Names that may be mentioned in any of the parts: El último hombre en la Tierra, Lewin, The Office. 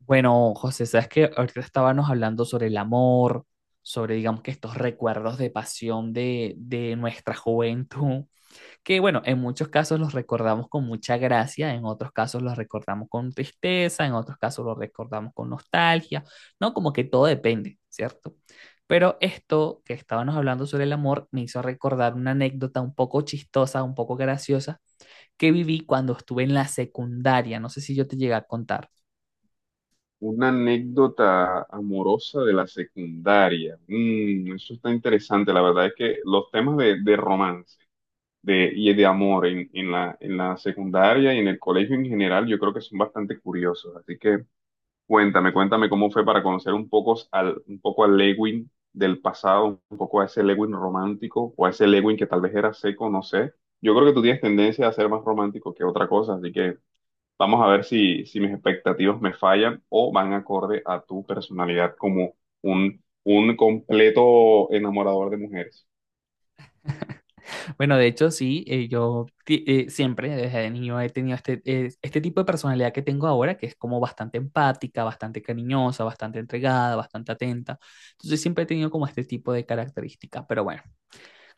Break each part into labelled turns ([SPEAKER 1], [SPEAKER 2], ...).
[SPEAKER 1] Bueno, José, sabes que ahorita estábamos hablando sobre el amor, sobre, digamos que estos recuerdos de pasión de nuestra juventud, que bueno, en muchos casos los recordamos con mucha gracia, en otros casos los recordamos con tristeza, en otros casos los recordamos con nostalgia, ¿no? Como que todo depende, ¿cierto? Pero esto que estábamos hablando sobre el amor me hizo recordar una anécdota un poco chistosa, un poco graciosa, que viví cuando estuve en la secundaria. No sé si yo te llegué a contar.
[SPEAKER 2] Una anécdota amorosa de la secundaria. Mm, eso está interesante. La verdad es que los temas de romance y de amor en en la secundaria y en el colegio en general, yo creo que son bastante curiosos. Así que cuéntame, cuéntame cómo fue para conocer un poco un poco al Lewin del pasado, un poco a ese Lewin romántico o a ese Lewin que tal vez era seco, no sé. Yo creo que tú tienes tendencia a ser más romántico que otra cosa, así que vamos a ver si mis expectativas me fallan o van acorde a tu personalidad como un completo enamorador de mujeres.
[SPEAKER 1] Bueno, de hecho, sí, siempre desde niño he tenido este, este tipo de personalidad que tengo ahora, que es como bastante empática, bastante cariñosa, bastante entregada, bastante atenta. Entonces siempre he tenido como este tipo de características. Pero bueno,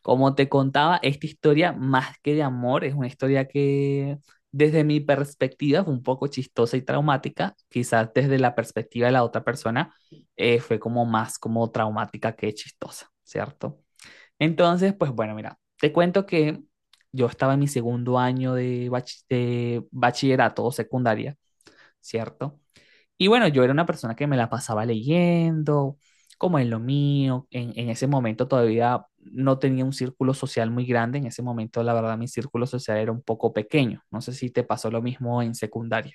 [SPEAKER 1] como te contaba, esta historia, más que de amor, es una historia que desde mi perspectiva fue un poco chistosa y traumática. Quizás desde la perspectiva de la otra persona fue como más como traumática que chistosa, ¿cierto? Entonces, pues bueno, mira, te cuento que yo estaba en mi segundo año de bachillerato o secundaria, ¿cierto? Y bueno, yo era una persona que me la pasaba leyendo, como en lo mío. En ese momento todavía no tenía un círculo social muy grande. En ese momento, la verdad, mi círculo social era un poco pequeño. No sé si te pasó lo mismo en secundaria.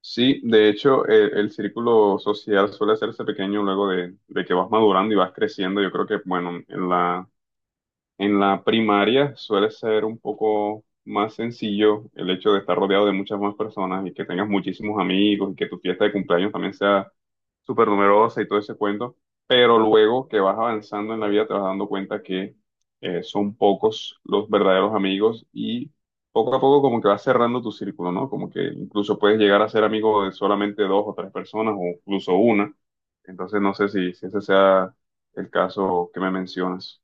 [SPEAKER 2] Sí, de hecho, el círculo social suele hacerse pequeño luego de que vas madurando y vas creciendo. Yo creo que, bueno, en la primaria suele ser un poco más sencillo el hecho de estar rodeado de muchas más personas y que tengas muchísimos amigos y que tu fiesta de cumpleaños también sea súper numerosa y todo ese cuento, pero luego que vas avanzando en la vida te vas dando cuenta que son pocos los verdaderos amigos y poco a poco como que vas cerrando tu círculo, ¿no? Como que incluso puedes llegar a ser amigo de solamente dos o tres personas o incluso una. Entonces no sé si ese sea el caso que me mencionas.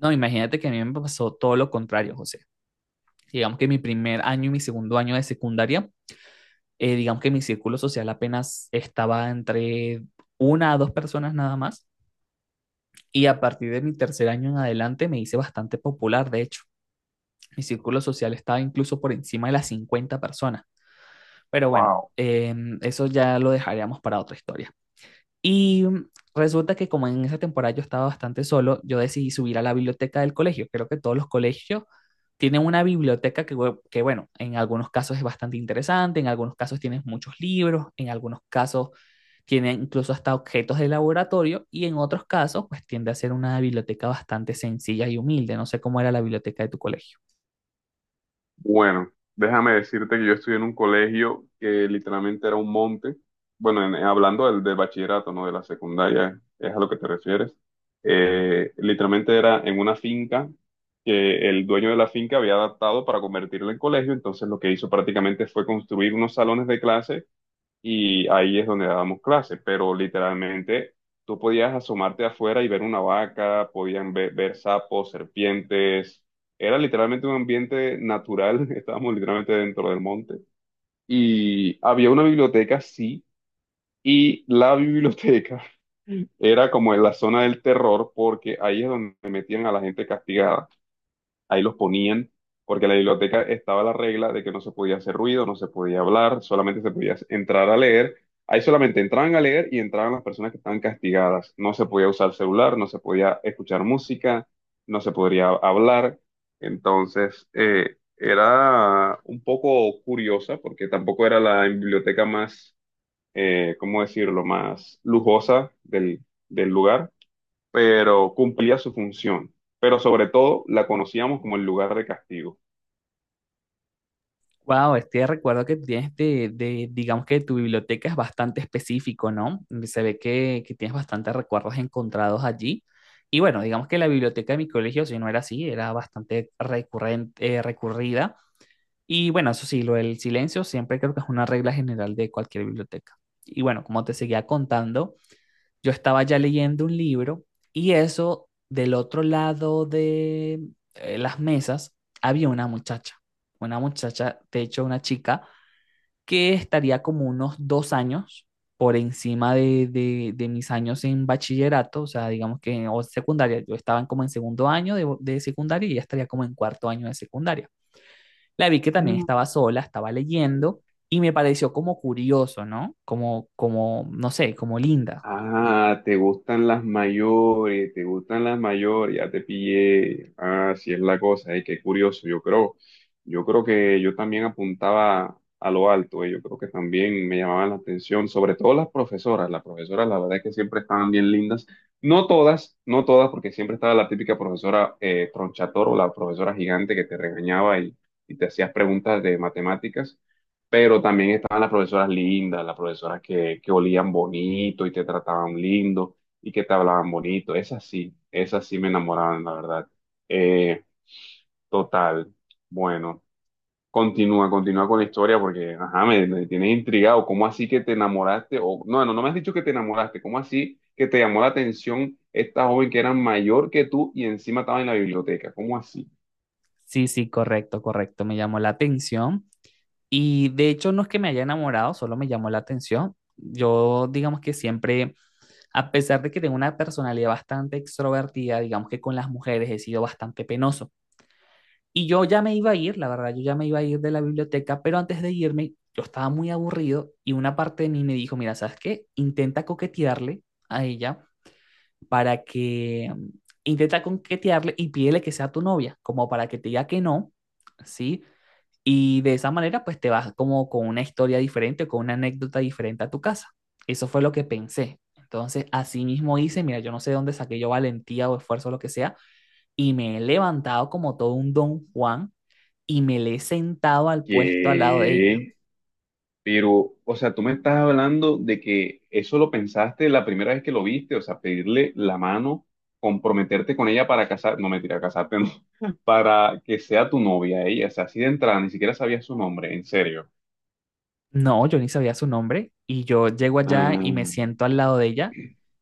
[SPEAKER 1] No, imagínate que a mí me pasó todo lo contrario, José. Digamos que mi primer año y mi segundo año de secundaria, digamos que mi círculo social apenas estaba entre una a dos personas nada más. Y a partir de mi tercer año en adelante me hice bastante popular, de hecho. Mi círculo social estaba incluso por encima de las 50 personas. Pero bueno,
[SPEAKER 2] Wow.
[SPEAKER 1] eso ya lo dejaríamos para otra historia. Y resulta que como en esa temporada yo estaba bastante solo, yo decidí subir a la biblioteca del colegio. Creo que todos los colegios tienen una biblioteca que, bueno, en algunos casos es bastante interesante, en algunos casos tienes muchos libros, en algunos casos tiene incluso hasta objetos de laboratorio y en otros casos, pues tiende a ser una biblioteca bastante sencilla y humilde. No sé cómo era la biblioteca de tu colegio.
[SPEAKER 2] Bueno, déjame decirte que yo estudié en un colegio que literalmente era un monte. Bueno, hablando del bachillerato, no de la secundaria, es a lo que te refieres. Literalmente era en una finca que el dueño de la finca había adaptado para convertirla en colegio. Entonces, lo que hizo prácticamente fue construir unos salones de clase y ahí es donde dábamos clases, pero literalmente tú podías asomarte afuera y ver una vaca, podían ver, ver sapos, serpientes, era literalmente un ambiente natural, estábamos literalmente dentro del monte y había una biblioteca, sí, y la biblioteca era como en la zona del terror porque ahí es donde metían a la gente castigada, ahí los ponían, porque en la biblioteca estaba la regla de que no se podía hacer ruido, no se podía hablar, solamente se podía entrar a leer. Ahí solamente entraban a leer y entraban las personas que estaban castigadas. No se podía usar celular, no se podía escuchar música, no se podría hablar. Entonces, era un poco curiosa porque tampoco era la biblioteca más, ¿cómo decirlo?, más lujosa del, del lugar, pero cumplía su función. Pero sobre todo la conocíamos como el lugar de castigo.
[SPEAKER 1] Wow, este recuerdo que tienes digamos que tu biblioteca es bastante específico, ¿no? Se ve que tienes bastantes recuerdos encontrados allí. Y bueno, digamos que la biblioteca de mi colegio, si no era así, era bastante recurrente, recurrida. Y bueno, eso sí, lo del silencio siempre creo que es una regla general de cualquier biblioteca. Y bueno, como te seguía contando, yo estaba ya leyendo un libro y eso, del otro lado de las mesas, había una muchacha, de hecho una chica, que estaría como unos dos años por encima de mis años en bachillerato, o sea, digamos que en o secundaria, yo estaba en como en segundo año de secundaria y ella estaría como en cuarto año de secundaria. La vi que también estaba sola, estaba leyendo y me pareció como curioso, ¿no? Como, como, no sé, como linda.
[SPEAKER 2] Ah, te gustan las mayores, te gustan las mayores, ya te pillé. Ah, sí es la cosa, qué curioso. Yo creo que yo también apuntaba a lo alto, yo creo que también me llamaban la atención, sobre todo las profesoras. Las profesoras, la verdad es que siempre estaban bien lindas. No todas, no todas, porque siempre estaba la típica profesora tronchator o la profesora gigante que te regañaba y te hacías preguntas de matemáticas, pero también estaban las profesoras lindas, las profesoras que olían bonito y te trataban lindo y que te hablaban bonito. Esas sí me enamoraban, la verdad. Eh, total. Bueno, continúa, continúa con la historia porque, ajá, me tienes intrigado. ¿Cómo así que te enamoraste? O, no, no, no me has dicho que te enamoraste. ¿Cómo así que te llamó la atención esta joven que era mayor que tú y encima estaba en la biblioteca? ¿Cómo así?
[SPEAKER 1] Sí, sí, correcto, correcto. Me llamó la atención. Y de hecho no es que me haya enamorado, solo me llamó la atención. Yo digamos que siempre, a pesar de que tengo una personalidad bastante extrovertida, digamos que con las mujeres he sido bastante penoso. Y yo ya me iba a ir, la verdad, yo ya me iba a ir de la biblioteca, pero antes de irme yo estaba muy aburrido y una parte de mí me dijo, mira, ¿sabes qué? Intenta coquetearle a ella para que, intenta coquetearle y pídele que sea tu novia, como para que te diga que no, ¿sí? Y de esa manera, pues te vas como con una historia diferente, con una anécdota diferente a tu casa. Eso fue lo que pensé. Entonces, así mismo hice, mira, yo no sé de dónde saqué yo valentía o esfuerzo o lo que sea, y me he levantado como todo un don Juan y me le he sentado al puesto al lado de ella.
[SPEAKER 2] ¿Qué? Pero, o sea, tú me estás hablando de que eso lo pensaste la primera vez que lo viste, o sea, pedirle la mano, comprometerte con ella para casar, no mentira, casarte, no, para que sea tu novia ella, o sea, así de entrada, ni siquiera sabía su nombre, en serio.
[SPEAKER 1] No, yo ni sabía su nombre y yo llego allá y me
[SPEAKER 2] Mm,
[SPEAKER 1] siento al lado de ella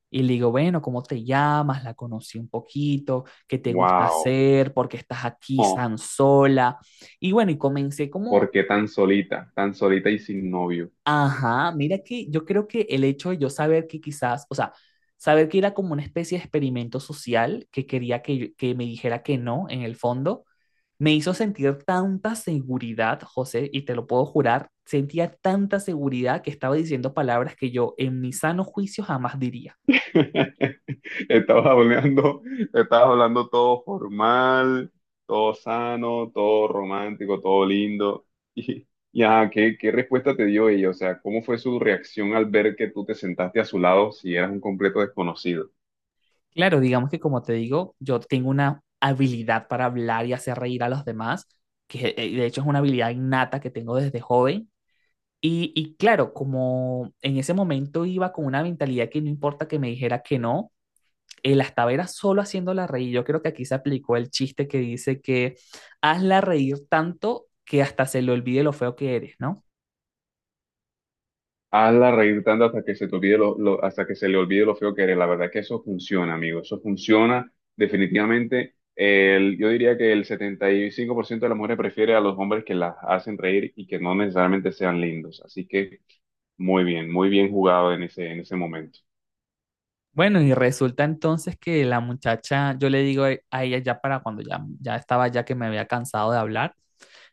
[SPEAKER 1] y le digo, bueno, ¿cómo te llamas? La conocí un poquito. ¿Qué te gusta
[SPEAKER 2] wow,
[SPEAKER 1] hacer? ¿Por qué estás aquí
[SPEAKER 2] oh,
[SPEAKER 1] tan sola? Y bueno, y comencé
[SPEAKER 2] ¿por
[SPEAKER 1] como
[SPEAKER 2] qué tan solita y sin novio?
[SPEAKER 1] ajá, mira que yo creo que el hecho de yo saber que quizás, o sea, saber que era como una especie de experimento social que quería que me dijera que no, en el fondo, me hizo sentir tanta seguridad, José, y te lo puedo jurar, sentía tanta seguridad que estaba diciendo palabras que yo en mi sano juicio jamás diría.
[SPEAKER 2] Estabas hablando, estabas hablando todo formal, todo sano, todo romántico, todo lindo. Y ajá, ¿qué, qué respuesta te dio ella? O sea, ¿cómo fue su reacción al ver que tú te sentaste a su lado si eras un completo desconocido?
[SPEAKER 1] Claro, digamos que como te digo, yo tengo una habilidad para hablar y hacer reír a los demás, que de hecho es una habilidad innata que tengo desde joven. Y claro, como en ese momento iba con una mentalidad que no importa que me dijera que no, la estaba era solo haciéndola reír. Yo creo que aquí se aplicó el chiste que dice que hazla reír tanto que hasta se le olvide lo feo que eres, ¿no?
[SPEAKER 2] Hazla reír tanto hasta que se te olvide lo, hasta que se le olvide lo feo que eres. La verdad es que eso funciona, amigo. Eso funciona definitivamente. El, yo diría que el 75% de las mujeres prefiere a los hombres que las hacen reír y que no necesariamente sean lindos. Así que muy bien jugado en ese momento.
[SPEAKER 1] Bueno, y resulta entonces que la muchacha, yo le digo a ella ya para cuando ya, ya estaba ya que me había cansado de hablar,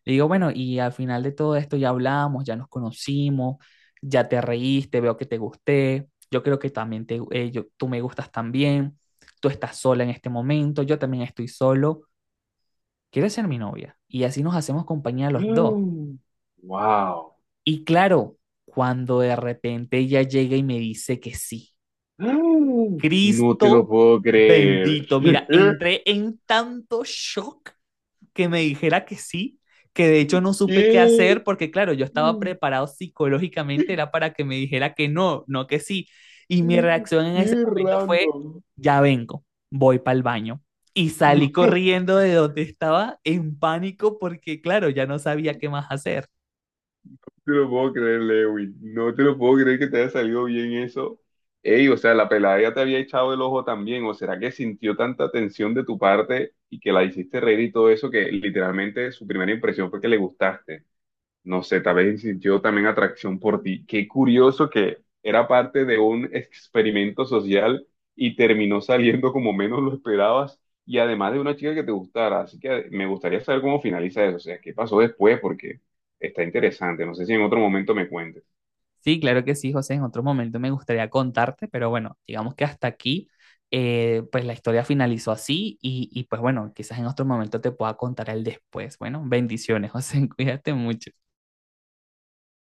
[SPEAKER 1] le digo, bueno, y al final de todo esto ya hablamos, ya nos conocimos, ya te reíste, veo que te gusté, yo creo que también tú me gustas también, tú estás sola en este momento, yo también estoy solo, ¿quieres ser mi novia? Y así nos hacemos compañía los dos.
[SPEAKER 2] Mm, wow.
[SPEAKER 1] Y claro, cuando de repente ella llega y me dice que sí,
[SPEAKER 2] Mm, no te lo
[SPEAKER 1] Cristo
[SPEAKER 2] puedo creer.
[SPEAKER 1] bendito, mira, entré en tanto shock que me dijera que sí, que de hecho no supe qué
[SPEAKER 2] ¿Qué?
[SPEAKER 1] hacer porque claro, yo estaba
[SPEAKER 2] Qué
[SPEAKER 1] preparado psicológicamente, era para que me dijera que no, no que sí. Y mi reacción en ese momento fue,
[SPEAKER 2] random.
[SPEAKER 1] ya vengo, voy para el baño. Y salí
[SPEAKER 2] No
[SPEAKER 1] corriendo de donde estaba en pánico porque claro, ya no sabía qué más hacer.
[SPEAKER 2] te lo puedo creer, Lewin. No te lo puedo creer que te haya salido bien eso. Ey, o sea, la pelada ya te había echado el ojo también. ¿O será que sintió tanta tensión de tu parte y que la hiciste reír y todo eso que literalmente su primera impresión fue que le gustaste? No sé, tal vez sintió también atracción por ti. Qué curioso que era parte de un experimento social y terminó saliendo como menos lo esperabas y además de una chica que te gustara. Así que me gustaría saber cómo finaliza eso, o sea, qué pasó después porque está interesante. No sé si en otro momento me cuentes.
[SPEAKER 1] Sí, claro que sí, José. En otro momento me gustaría contarte, pero bueno, digamos que hasta aquí, pues la historia finalizó así y pues bueno, quizás en otro momento te pueda contar el después. Bueno, bendiciones, José. Cuídate mucho.